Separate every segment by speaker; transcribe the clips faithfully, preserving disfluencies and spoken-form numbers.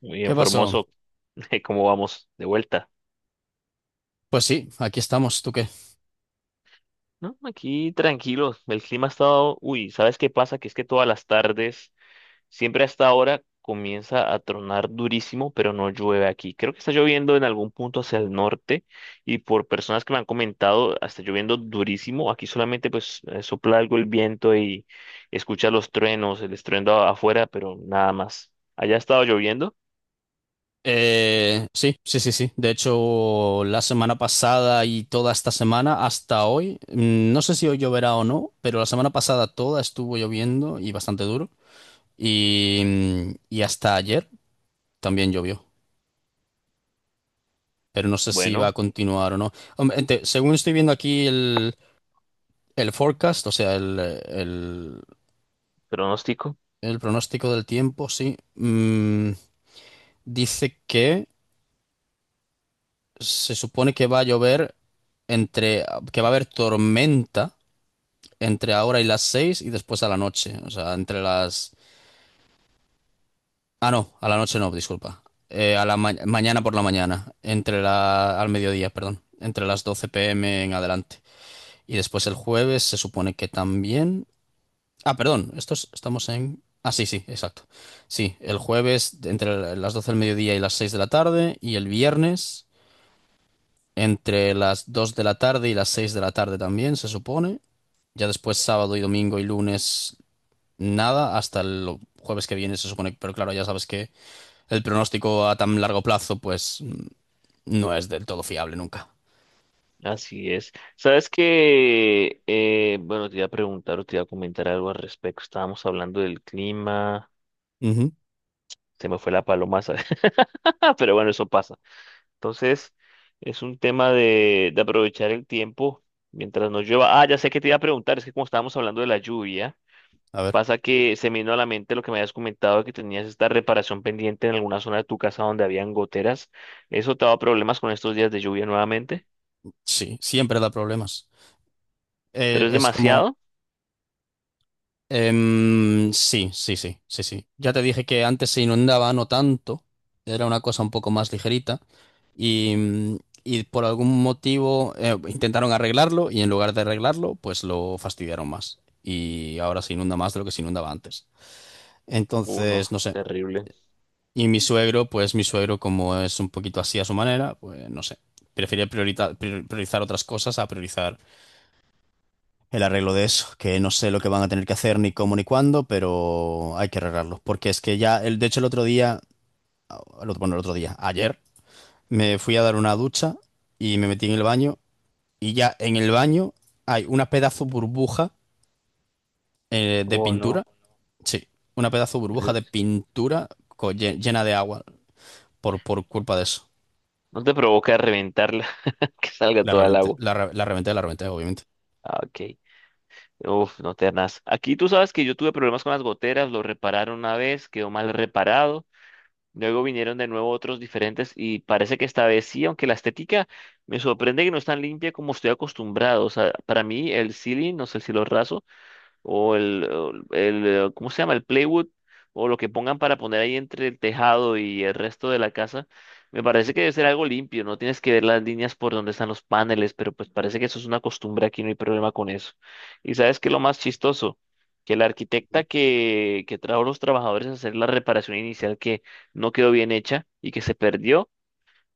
Speaker 1: Muy bien,
Speaker 2: ¿Qué pasó?
Speaker 1: Formoso. ¿Cómo vamos? De vuelta.
Speaker 2: Pues sí, aquí estamos, ¿tú qué?
Speaker 1: No, aquí tranquilos. El clima ha estado. Uy, ¿sabes qué pasa? Que es que todas las tardes, siempre hasta ahora, comienza a tronar durísimo, pero no llueve aquí. Creo que está lloviendo en algún punto hacia el norte y por personas que me han comentado, está lloviendo durísimo. Aquí solamente pues eh, sopla algo el viento y escucha los truenos, el estruendo a- afuera, pero nada más. ¿Allá ha estado lloviendo?
Speaker 2: Eh, sí, sí, sí, sí. De hecho, la semana pasada y toda esta semana hasta hoy, mm, no sé si hoy lloverá o no, pero la semana pasada toda estuvo lloviendo y bastante duro. Y, mm, y hasta ayer también llovió, pero no sé si va a
Speaker 1: Bueno,
Speaker 2: continuar o no. Hombre, ente- según estoy viendo aquí el, el forecast, o sea, el, el-
Speaker 1: pronóstico.
Speaker 2: el pronóstico del tiempo, sí, mm, dice que se supone que va a llover entre, que va a haber tormenta entre ahora y las seis y después a la noche. O sea, entre las. Ah, no, a la noche no, disculpa. Eh, a la ma- mañana por la mañana, entre la... al mediodía, perdón, entre las doce p m en adelante. Y después el jueves se supone que también. Ah, perdón, estos estamos en. Ah, sí, sí, exacto. Sí, el jueves entre las doce del mediodía y las seis de la tarde y el viernes entre las dos de la tarde y las seis de la tarde también, se supone. Ya después sábado y domingo y lunes nada, hasta el jueves que viene se supone, pero claro, ya sabes que el pronóstico a tan largo plazo pues no es del todo fiable nunca.
Speaker 1: Así es. Sabes que, eh, bueno, te iba a preguntar o te iba a comentar algo al respecto. Estábamos hablando del clima,
Speaker 2: Ujú.
Speaker 1: se me fue la paloma, ¿sabes? Pero bueno, eso pasa. Entonces, es un tema de, de aprovechar el tiempo mientras no llueva. Ah, ya sé que te iba a preguntar, es que como estábamos hablando de la lluvia,
Speaker 2: A ver,
Speaker 1: pasa que se me vino a la mente lo que me habías comentado de que tenías esta reparación pendiente en alguna zona de tu casa donde habían goteras. ¿Eso te ha dado problemas con estos días de lluvia nuevamente?
Speaker 2: sí, siempre da problemas. Eh,
Speaker 1: ¿Pero es
Speaker 2: es como,
Speaker 1: demasiado?
Speaker 2: Em, sí, sí, sí, sí, sí. Ya te dije que antes se inundaba, no tanto. Era una cosa un poco más ligerita. Y, mm, y por algún motivo eh, intentaron arreglarlo y en lugar de arreglarlo, pues lo fastidiaron más. Y ahora se inunda más de lo que se inundaba antes. Entonces,
Speaker 1: Uno,
Speaker 2: no sé.
Speaker 1: terrible.
Speaker 2: Y mi suegro, pues mi suegro, como es un poquito así a su manera, pues no sé. Prefiere priorita- prior- priorizar otras cosas a priorizar el arreglo de eso, que no sé lo que van a tener que hacer ni cómo ni cuándo, pero hay que arreglarlo, porque es que ya, el, de hecho el otro día, el otro- bueno, el otro día, ayer, me fui a dar una ducha y me metí en el baño y ya en el baño hay una pedazo burbuja eh, de
Speaker 1: Oh, no.
Speaker 2: pintura, sí, una pedazo burbuja
Speaker 1: El-
Speaker 2: de pintura co- lle- llena de agua por, por culpa de eso.
Speaker 1: No te provoca reventarla, que salga
Speaker 2: La
Speaker 1: toda el
Speaker 2: reventé,
Speaker 1: agua.
Speaker 2: la, re- la reventé, la reventé, obviamente.
Speaker 1: Ah, ok. Uf, no te arnas. Aquí tú sabes que yo tuve problemas con las goteras, lo repararon una vez, quedó mal reparado. Luego vinieron de nuevo otros diferentes y parece que esta vez sí, aunque la estética me sorprende que no es tan limpia como estoy acostumbrado. O sea, para mí el ceiling, no sé si lo raso, o el, el, eh, ¿cómo se llama? El playwood, o lo que pongan para poner ahí entre el tejado y el resto de la casa, me parece que debe ser algo limpio, no tienes que ver las líneas por donde están los paneles, pero pues parece que eso es una costumbre aquí, no hay problema con eso. ¿Y sabes qué es lo más chistoso? Que la arquitecta que, que trajo a los trabajadores a hacer la reparación inicial que no quedó bien hecha y que se perdió,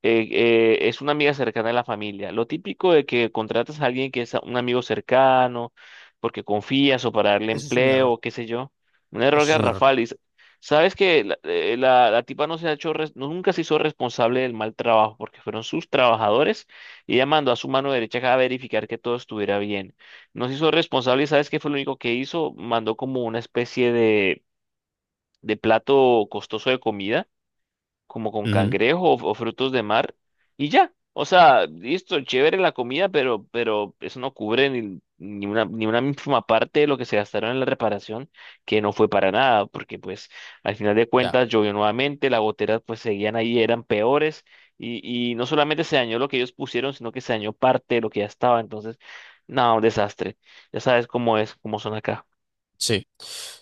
Speaker 1: eh, eh, es una amiga cercana de la familia. Lo típico de que contratas a alguien que es a- un amigo cercano, porque confías o para darle
Speaker 2: Eso es un error.
Speaker 1: empleo, qué sé yo. Un error
Speaker 2: Eso es un error.
Speaker 1: garrafal. Y s- sabes que la, eh, la- la tipa no se ha hecho, res- no- nunca se hizo responsable del mal trabajo, porque fueron sus trabajadores y ella mandó a su mano derecha a verificar que todo estuviera bien. No se hizo responsable y sabes qué fue lo único que hizo, mandó como una especie de, de plato costoso de comida como con
Speaker 2: Ujú.
Speaker 1: cangrejo o, o frutos de mar y ya. O sea, listo, chévere la comida, pero, pero eso no cubre ni, ni una, ni una mínima parte de lo que se gastaron en la reparación, que no fue para nada, porque pues al final de
Speaker 2: Ya,
Speaker 1: cuentas llovió nuevamente, las goteras pues seguían ahí, eran peores, y, y no solamente se dañó lo que ellos pusieron, sino que se dañó parte de lo que ya estaba. Entonces, no, un desastre. Ya sabes cómo es, cómo son acá.
Speaker 2: sí.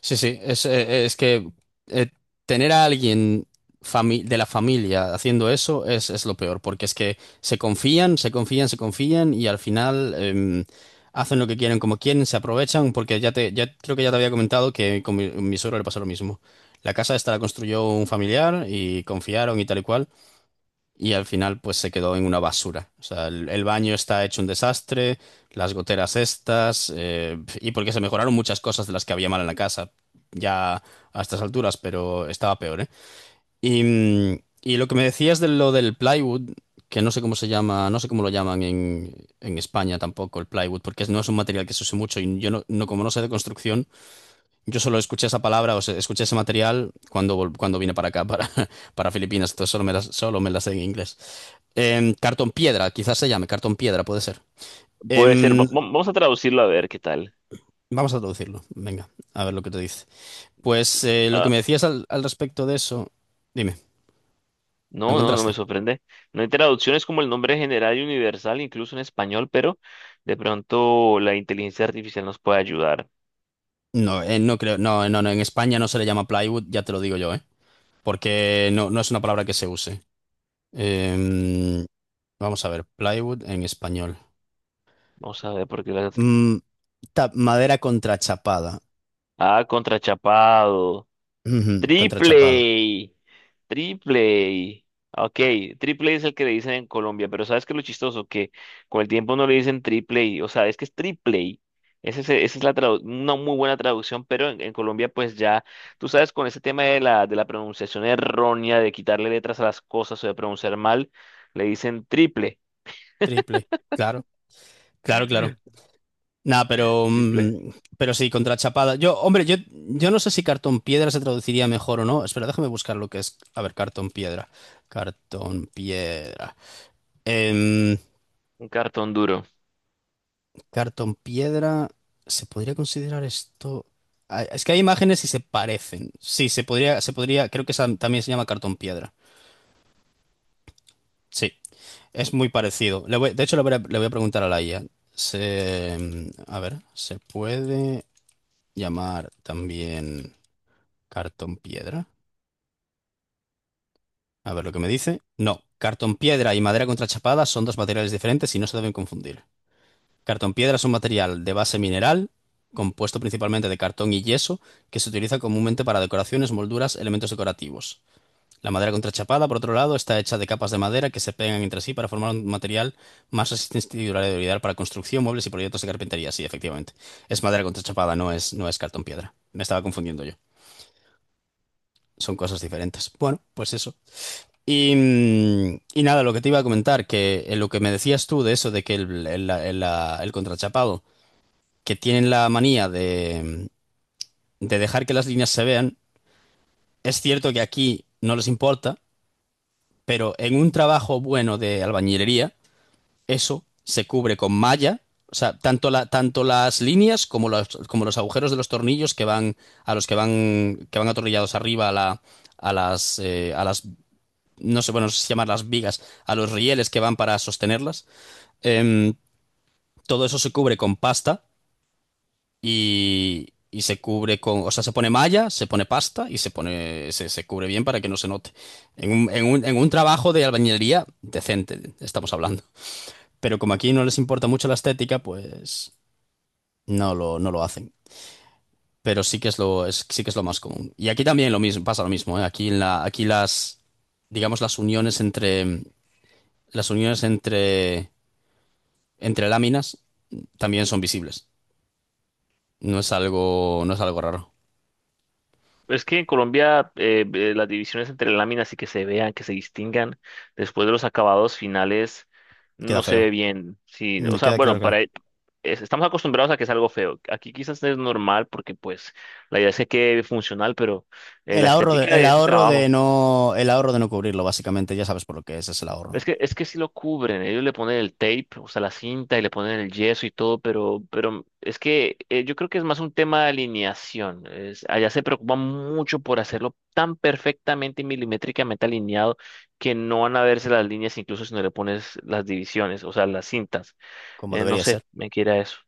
Speaker 2: Sí, sí, es, eh, eh, es que eh, tener a alguien fami- de la familia haciendo eso es, es lo peor, porque es que se confían, se confían, se confían y al final em, hacen lo que quieren, como quieren, se aprovechan, porque ya te, ya creo que ya te había comentado que con mi, mi suegro le pasó lo mismo. La casa esta la construyó un familiar y confiaron y tal y cual. Y al final, pues se quedó en una basura. O sea, el, el baño está hecho un desastre, las goteras estas, eh, y porque se mejoraron muchas cosas de las que había mal en la casa, ya a estas alturas, pero estaba peor, ¿eh? Y, mm, y lo que me decías de lo del plywood, que no sé cómo se llama, no sé cómo lo llaman en, en España tampoco, el plywood, porque no es un material que se use mucho, y yo no, no- como no sé de construcción, yo solo escuché esa palabra, o sea, escuché ese material cuando, vol- cuando vine para acá, para, para Filipinas, entonces solo me las- solo me la sé en inglés. Em, cartón piedra, quizás se llame cartón piedra, puede ser.
Speaker 1: Puede ser, va-
Speaker 2: Em,
Speaker 1: va- vamos a traducirlo a ver qué tal.
Speaker 2: vamos a traducirlo. Venga, a ver lo que te dice. Pues eh, lo que me decías al, al respecto de eso, dime, ¿lo
Speaker 1: No, no, no me
Speaker 2: encontraste?
Speaker 1: sorprende. No hay traducciones como el nombre general y universal, incluso en español, pero de pronto la inteligencia artificial nos puede ayudar.
Speaker 2: No, eh, no creo, no, no, no, en España no se le llama plywood, ya te lo digo yo, ¿eh? Porque no, no es una palabra que se use. Em, vamos a ver, plywood en español.
Speaker 1: Vamos a ver por qué la...
Speaker 2: Mm, ta- madera contrachapada.
Speaker 1: Ah, contrachapado.
Speaker 2: Ujú, contrachapado.
Speaker 1: Triple. Triple. Ok, triple es el que le dicen en Colombia, pero ¿sabes qué es lo chistoso? Que con el tiempo no le dicen triple, o sea, es que es triple. Ese es- esa es la tradu- una muy buena traducción, pero en, en Colombia pues ya, tú sabes, con ese tema de la, de la pronunciación errónea, de quitarle letras a las cosas o de pronunciar mal, le dicen triple.
Speaker 2: Triple. Claro, claro, claro. Nada, pero,
Speaker 1: Triple.
Speaker 2: mm, pero sí, contra Chapada. Yo, hombre, yo, yo no sé si cartón piedra se traduciría mejor o no. Espera, déjame buscar lo que es. A ver, cartón piedra. Cartón piedra. Em,
Speaker 1: Un cartón duro.
Speaker 2: cartón piedra. ¿Se podría considerar esto? Ah, es que hay imágenes y se parecen. Sí, se podría, se podría. Creo que esa también se llama cartón piedra. Sí, es muy parecido. Le voy- de hecho, le voy a, le voy a preguntar a la I A. Se, a ver, ¿se puede llamar también cartón piedra? A ver lo que me dice. No, cartón piedra y madera contrachapada son dos materiales diferentes y no se deben confundir. Cartón piedra es un material de base mineral, compuesto principalmente de cartón y yeso, que se utiliza comúnmente para decoraciones, molduras, elementos decorativos. La madera contrachapada, por otro lado, está hecha de capas de madera que se pegan entre sí para formar un material más resistente y duradero ideal para construcción, muebles y proyectos de carpintería. Sí, efectivamente. Es madera contrachapada, no es, no es cartón piedra. Me estaba confundiendo yo. Son cosas diferentes. Bueno, pues eso. Y, mm, y nada, lo que te iba a comentar, que eh, lo que me decías tú de eso, de que el, el- la- el- la- el contrachapado, que tienen la manía de, mm, de dejar que las líneas se vean, es cierto que aquí no les importa, pero en un trabajo bueno de albañilería, eso se cubre con malla, o sea, tanto, la, tanto las líneas como los, como los agujeros de los tornillos que van a los que van, que van atornillados arriba a la, a las, eh, a las no sé, bueno, no sé si llamar las vigas, a los rieles que van para sostenerlas. Em, todo eso se cubre con pasta y, y se cubre con, o sea, se pone malla, se pone pasta y se pone, se, se cubre bien para que no se note. En un, en un, en un trabajo de albañilería decente, estamos hablando. Pero como aquí no les importa mucho la estética, pues no lo, no lo hacen. Pero sí que es lo, es- sí que es lo más común. Y aquí también lo mismo, pasa lo mismo, ¿eh? Aquí en la, aquí las, digamos, las uniones entre, las uniones entre entre láminas también son visibles. No es algo, no es algo raro.
Speaker 1: Es que en Colombia eh, eh, las divisiones entre láminas y que se vean, que se distingan después de los acabados finales,
Speaker 2: Queda
Speaker 1: no se
Speaker 2: feo.
Speaker 1: ve bien. Sí, o
Speaker 2: Mm,
Speaker 1: sea,
Speaker 2: Queda claro,
Speaker 1: bueno, para
Speaker 2: claro.
Speaker 1: e- es- estamos acostumbrados a que es algo feo. Aquí quizás es normal porque pues la idea es que quede funcional, pero eh,
Speaker 2: El
Speaker 1: la
Speaker 2: ahorro de,
Speaker 1: estética
Speaker 2: el
Speaker 1: de ese
Speaker 2: ahorro de
Speaker 1: trabajo.
Speaker 2: no, el ahorro de no cubrirlo, básicamente, ya sabes por lo que es, es, el
Speaker 1: Es
Speaker 2: ahorro,
Speaker 1: que, es que sí lo cubren, ellos le ponen el tape, o sea, la cinta y le ponen el yeso y todo, pero, pero es que eh, yo creo que es más un tema de alineación. Es- allá se preocupan mucho por hacerlo tan perfectamente y milimétricamente alineado que no van a verse las líneas, incluso si no le pones las divisiones, o sea, las cintas.
Speaker 2: como
Speaker 1: Eh, no
Speaker 2: debería
Speaker 1: sé,
Speaker 2: ser.
Speaker 1: me quiera eso.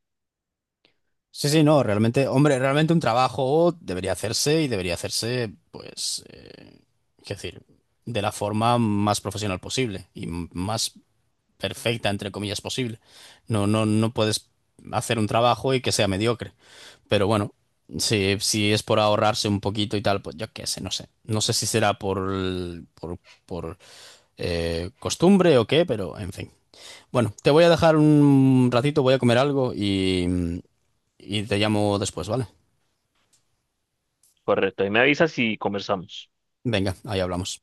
Speaker 2: Sí, sí, no, realmente, hombre, realmente un trabajo debería hacerse y debería hacerse, pues, eh, es decir, de la forma más profesional posible y m- más perfecta, entre comillas, posible. No, no, no puedes hacer un trabajo y que sea mediocre. Pero bueno, si, si es por ahorrarse un poquito y tal, pues yo qué sé, no sé. No sé si será por, el- por, por, eh, costumbre o qué, pero en fin. Bueno, te voy a dejar un ratito, voy a comer algo y, y te llamo después, ¿vale?
Speaker 1: Correcto, ahí me avisas y conversamos.
Speaker 2: Venga, ahí hablamos.